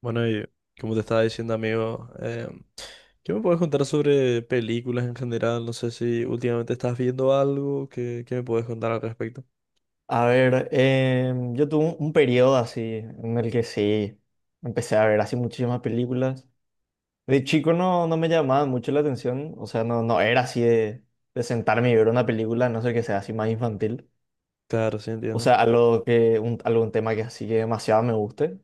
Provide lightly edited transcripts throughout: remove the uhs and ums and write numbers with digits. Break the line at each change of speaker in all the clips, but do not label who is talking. Bueno, y como te estaba diciendo, amigo, ¿qué me puedes contar sobre películas en general? No sé si últimamente estás viendo algo. ¿Qué me puedes contar al respecto?
A ver, yo tuve un periodo así en el que sí empecé a ver así muchísimas películas. De chico no, no me llamaba mucho la atención, o sea, no, no era así de sentarme y ver una película, a no sé que sea así más infantil.
Claro, sí,
O sea,
entiendo.
algo que, algún tema que así que demasiado me guste.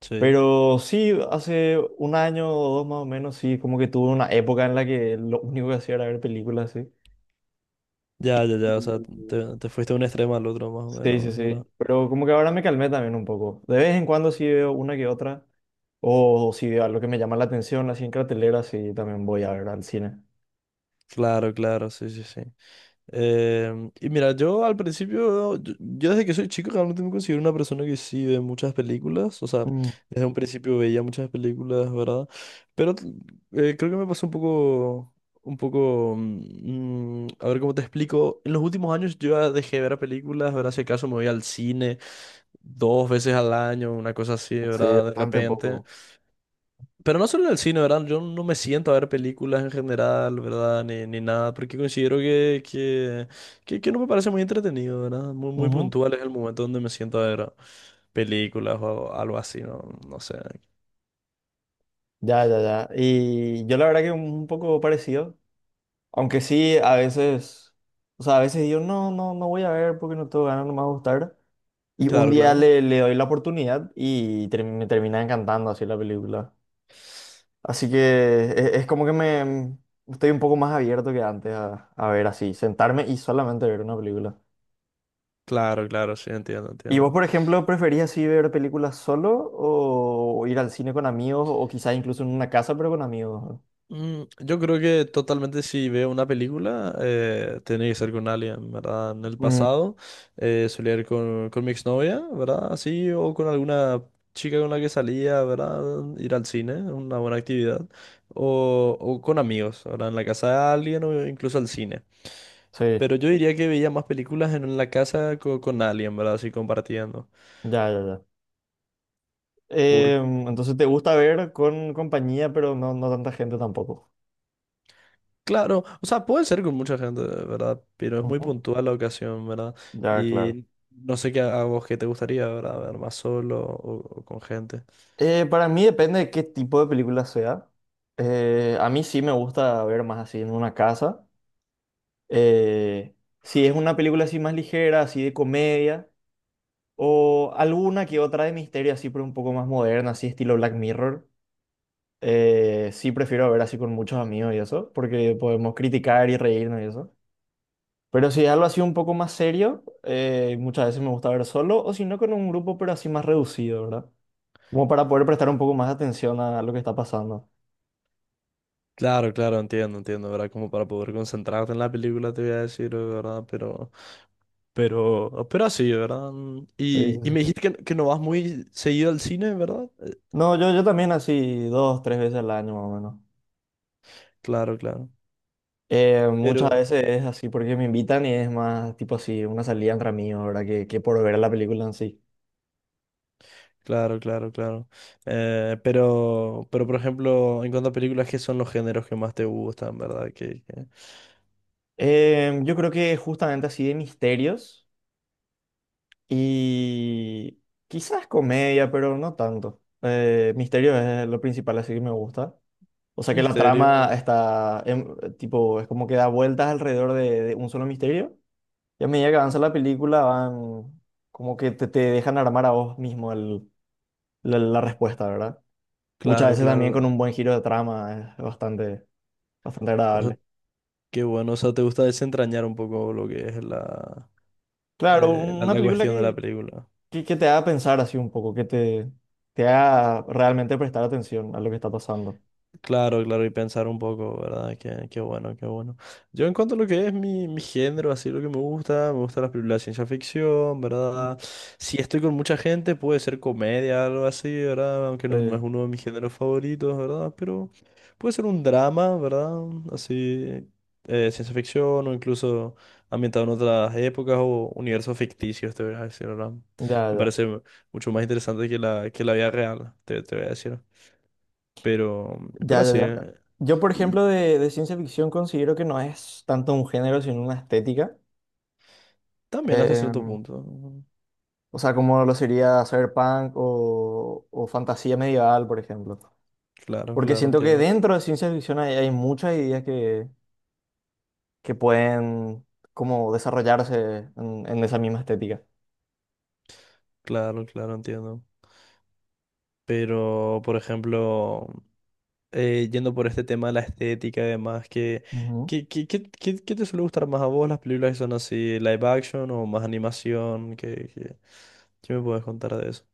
Sí.
Pero sí, hace un año o dos más o menos, sí, como que tuve una época en la que lo único que hacía era ver películas, sí.
Ya, ya, ya, o sea, te fuiste de un extremo al otro, más o
Sí, sí,
menos,
sí.
¿verdad?
Pero como que ahora me calmé también un poco. De vez en cuando sí veo una que otra. O si veo algo que me llama la atención, así en cartelera, sí también voy a ver al cine.
Claro, claro, sí, sí, sí. Y mira, yo al principio, yo desde que soy chico realmente me considero una persona que sí ve muchas películas, o sea,
Mm,
desde un principio veía muchas películas, ¿verdad? Pero creo que me pasó un poco, a ver cómo te explico, en los últimos años yo ya dejé de ver películas, ¿verdad? Si acaso me voy al cine dos veces al año, una cosa así,
sí,
¿verdad? De
bastante
repente.
poco.
Pero no solo en el cine, ¿verdad? Yo no me siento a ver películas en general, ¿verdad? Ni nada, porque considero que no me parece muy entretenido, ¿verdad? Muy, muy
Ujú.
puntual es el momento donde me siento a ver películas o algo así, ¿no? No sé.
Ya, ya, ya. Y yo la verdad que un poco parecido. Aunque sí, a veces, o sea, a veces digo, no, no, no voy a ver porque no tengo ganas, no me va a gustar. Y un
Claro,
día
claro.
le doy la oportunidad y me termina encantando así la película. Así que es, como que me estoy un poco más abierto que antes a ver así, sentarme y solamente ver una película.
Claro, claro, sí, entiendo,
¿Y vos,
entiendo.
por ejemplo, preferís así ver películas solo o ir al cine con amigos o quizás incluso en una casa pero con amigos?
Yo creo que totalmente si veo una película, tiene que ser con alguien, ¿verdad? En el
Mm,
pasado solía ir con mi exnovia, ¿verdad? Así, o con alguna chica con la que salía, ¿verdad? Ir al cine, una buena actividad. O con amigos, ¿verdad? En la casa de alguien o incluso al cine.
sí,
Pero yo diría que veía más películas en la casa con alguien, ¿verdad? Así compartiendo.
ya, ya, ya. Entonces te gusta ver con compañía pero no, no tanta gente tampoco.
Claro, o sea, puede ser con mucha gente, ¿verdad? Pero es muy
Ujú.
puntual la ocasión, ¿verdad?
Ya, claro.
Y no sé qué a vos qué te gustaría, ¿verdad? Ver más solo o con gente.
Para mí depende de qué tipo de película sea. A mí sí me gusta ver más así en una casa. Eh, si es una película así más ligera, así de comedia, o alguna que otra de misterio así, pero un poco más moderna, así estilo Black Mirror, sí prefiero ver así con muchos amigos y eso, porque podemos criticar y reírnos y eso. Pero si es algo así un poco más serio, muchas veces me gusta ver solo, o si no con un grupo, pero así más reducido, ¿verdad? Como para poder prestar un poco más de atención a lo que está pasando.
Claro, claro, entiendo, entiendo, ¿verdad? Como para poder concentrarte en la película, te voy a decir, ¿verdad? Pero así, ¿verdad?
Sí, sí,
Y
sí.
me dijiste que no vas muy seguido al cine, ¿verdad?
No, yo, también así dos, tres veces al año más o menos.
Claro, claro.
Muchas
Pero,
veces es así porque me invitan y es más tipo así, una salida entre amigos, ¿verdad? Que por ver la película en sí.
claro, claro, claro. Pero, por ejemplo, en cuanto a películas, ¿qué son los géneros que más te gustan, ¿verdad? Que,
Yo creo que justamente así de misterios y quizás comedia, pero no tanto. Misterio es lo principal, así que me gusta. O sea que la trama
Misterio,
está, tipo, es como que da vueltas alrededor de, un solo misterio. Y a medida que avanza la película van, como que te dejan armar a vos mismo la respuesta, ¿verdad? Muchas
claro,
veces también con
claro.
un buen giro de trama, es bastante, bastante
O sea,
agradable.
qué bueno. O sea, te gusta desentrañar un poco lo que es la,
Claro, un-
la,
una
la
película
cuestión de la
que,
película.
que, que te haga pensar así un poco, que te haga realmente prestar atención a lo que está pasando.
Claro, claro, y pensar un poco, ¿verdad? Qué, qué bueno, qué bueno. Yo en cuanto a lo que es mi, mi género, así lo que me gusta las películas de ciencia ficción, ¿verdad? Si estoy con mucha gente, puede ser comedia, algo así, ¿verdad? Aunque no,
Eh,
no es uno de mis géneros favoritos, ¿verdad? Pero puede ser un drama, ¿verdad? Así, ciencia ficción o incluso ambientado en otras épocas o universos ficticios, te voy a decir, ¿verdad?
ya,
Me
ya,
parece mucho más interesante que la vida real, te voy a decir. Pero,
ya,
pero
ya,
así,
ya.
¿eh?
Yo, por
Y
ejemplo, de ciencia ficción considero que no es tanto un género, sino una estética.
también hasta
Eh,
cierto punto.
o sea, como lo sería cyberpunk o, fantasía medieval, por ejemplo.
Claro,
Porque
claro,
siento que
entiendo.
dentro de ciencia ficción hay, muchas ideas que pueden como desarrollarse en esa misma estética.
Claro, claro, entiendo. Pero, por ejemplo, yendo por este tema de la estética y demás,
Ujú.
qué te suele gustar más a vos? ¿Las películas que son así, live action o más animación? ¿Qué me puedes contar de eso?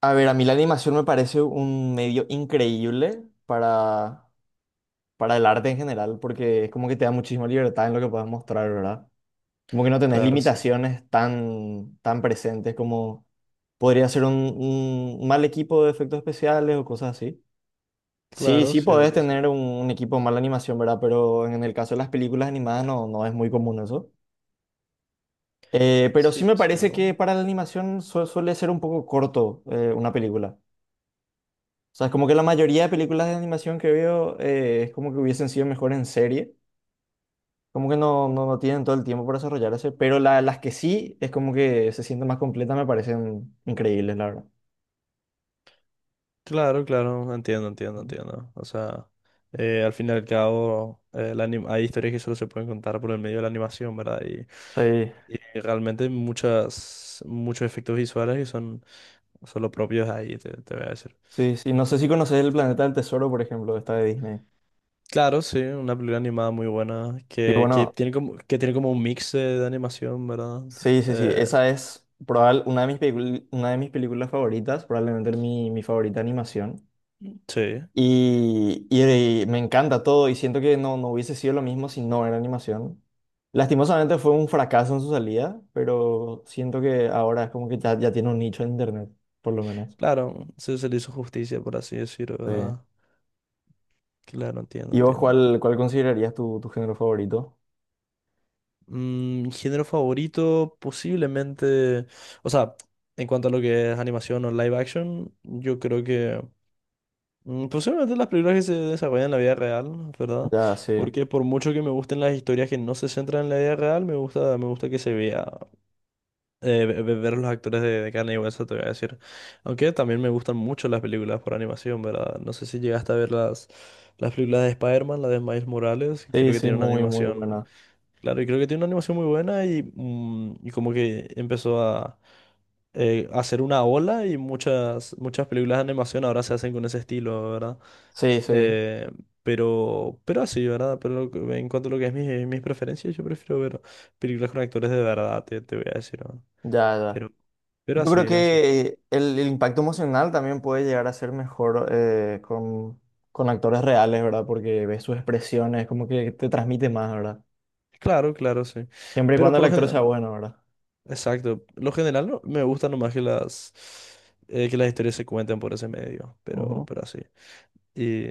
A ver, a mí la animación me parece un medio increíble para el arte en general, porque es como que te da muchísima libertad en lo que puedes mostrar, ¿verdad? Como que no tenés
Claro, sí.
limitaciones tan, tan presentes como podría ser un, mal equipo de efectos especiales o cosas así. Sí,
Claro,
sí podés
cierto,
tener
cierto.
un equipo de mala animación, ¿verdad? Pero en el caso de las películas animadas no, no es muy común eso. Pero sí
Sí,
me parece
cierto.
que para la animación suele ser un poco corto una película. O sea, es como que la mayoría de películas de animación que veo es como que hubiesen sido mejor en serie. Como que no, no, no tienen todo el tiempo para desarrollarse, pero las que sí es como que se sienten más completas me parecen increíbles, la verdad.
Claro, claro, entiendo, entiendo,
Ujú.
entiendo. O sea, al fin y al cabo, hay historias que solo se pueden contar por el medio de la animación, ¿verdad?
Sí,
Y realmente muchas, muchos efectos visuales que son, son los propios ahí, te voy a decir.
sí, sí. No sé si conoces El Planeta del Tesoro, por ejemplo, esta de Disney.
Claro, sí, una película animada muy buena,
Sí, bueno,
que tiene como un mix de animación, ¿verdad?
sí, sí, sí.
Eh,
Esa es probable, una de mis películas favoritas, probablemente mi, favorita animación.
sí,
Y me encanta todo y siento que no, no hubiese sido lo mismo si no era animación. Lastimosamente fue un fracaso en su salida, pero siento que ahora es como que ya, tiene un nicho en internet, por lo menos.
claro, se, se le hizo justicia, por así decirlo,
Sí.
¿verdad? Claro, entiendo,
¿Y vos
entiendo.
cuál, considerarías tu género favorito?
Género favorito, posiblemente, o sea, en cuanto a lo que es animación o live action, yo creo que... posiblemente las películas que se desarrollan en la vida real, ¿verdad?
Ya, sí.
Porque por mucho que me gusten las historias que no se centran en la vida real, me gusta que se vea, ver los actores de carne y hueso, te voy a decir. Aunque también me gustan mucho las películas por animación, ¿verdad? No sé si llegaste a ver las películas de Spider-Man, la de Miles Morales, que
Sí,
creo que
sí,
tiene una
muy, muy
animación,
buena.
claro, y creo que tiene una animación muy buena y como que empezó a hacer una ola y muchas, muchas películas de animación ahora se hacen con ese estilo, ¿verdad?
Sí, sí,
Eh, pero así, ¿verdad? Pero en cuanto a lo que es mis preferencias, yo prefiero ver películas con actores de verdad, te voy a decir, ¿no?
ya, ya.
Pero, pero
Yo
así,
creo
así.
que el, impacto emocional también puede llegar a ser mejor con actores reales, ¿verdad? Porque ves sus expresiones, como que te transmite más, ¿verdad?
Claro, claro, sí.
Siempre y
Pero
cuando el
por lo
actor
general,
sea bueno, ¿verdad?
exacto. Lo general me gusta nomás que las historias se cuenten por ese medio,
Ujú.
pero así. Y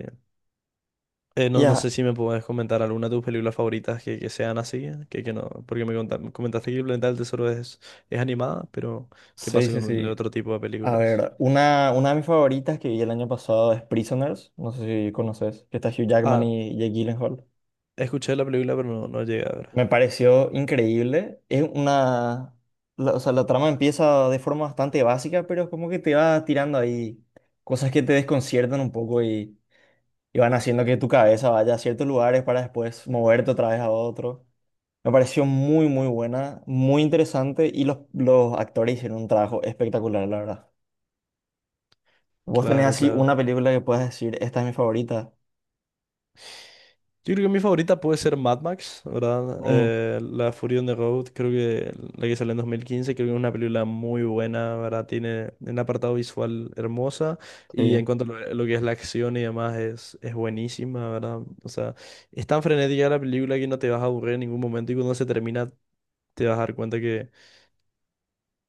no, no
Ya,
sé si me puedes comentar alguna de tus películas favoritas que sean así, que no, porque comentaste que El Planeta del Tesoro es animada, pero ¿qué
sí,
pasa
sí,
con el
sí.
otro tipo de
A
películas?
ver, una de mis favoritas que vi el año pasado es Prisoners, no sé si conoces, que está Hugh Jackman
Ah,
y Jake Gyllenhaal.
escuché la película, pero no, no llegué a ver.
Me pareció increíble. O sea, la trama empieza de forma bastante básica, pero es como que te va tirando ahí cosas que te desconciertan un poco y, van haciendo que tu cabeza vaya a ciertos lugares para después moverte otra vez a otro. Me pareció muy, muy buena, muy interesante y los actores hicieron un trabajo espectacular, la verdad. ¿Vos tenés
Claro,
así una
claro.
película que puedas decir, esta es mi favorita?
Yo creo que mi favorita puede ser Mad Max, ¿verdad?
Mm,
La Fury on the Road, creo que la que salió en 2015, creo que es una película muy buena, ¿verdad? Tiene un apartado visual hermosa y
sí,
en cuanto a lo que es la acción y demás es buenísima, ¿verdad? O sea, es tan frenética la película que no te vas a aburrir en ningún momento y cuando se termina te vas a dar cuenta que,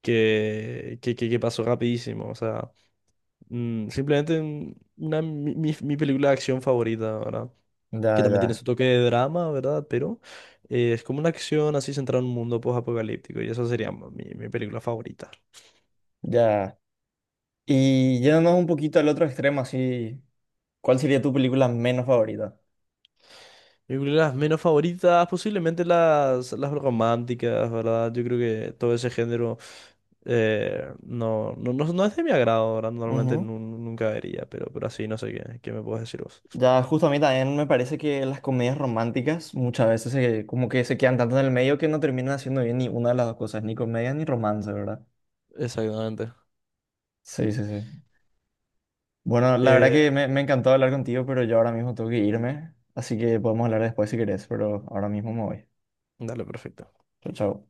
que pasó rapidísimo, o sea... Simplemente una, mi película de acción favorita, ¿verdad? Que
ya,
también tiene
ya,
su toque de drama, ¿verdad? Pero es como una acción así centrada en un mundo post-apocalíptico y esa sería mi, mi película favorita.
ya. Y yéndonos un poquito al otro extremo, así, ¿cuál sería tu película menos favorita?
Mis películas menos favoritas, posiblemente las románticas, ¿verdad? Yo creo que todo ese género no es de mi agrado, ¿verdad? Normalmente
Ujú.
nunca vería, pero así no sé qué, qué me puedes decir vos.
Ya, justo a mí también me parece que las comedias románticas muchas veces como que se quedan tanto en el medio que no terminan haciendo bien ni una de las dos cosas, ni comedia ni romance, ¿verdad?
Exactamente.
Sí, sí, sí. Bueno, la verdad
Eh,
que me, encantó hablar contigo, pero yo ahora mismo tengo que irme, así que podemos hablar después si querés, pero ahora mismo me voy.
dale, perfecto.
Chao, chao.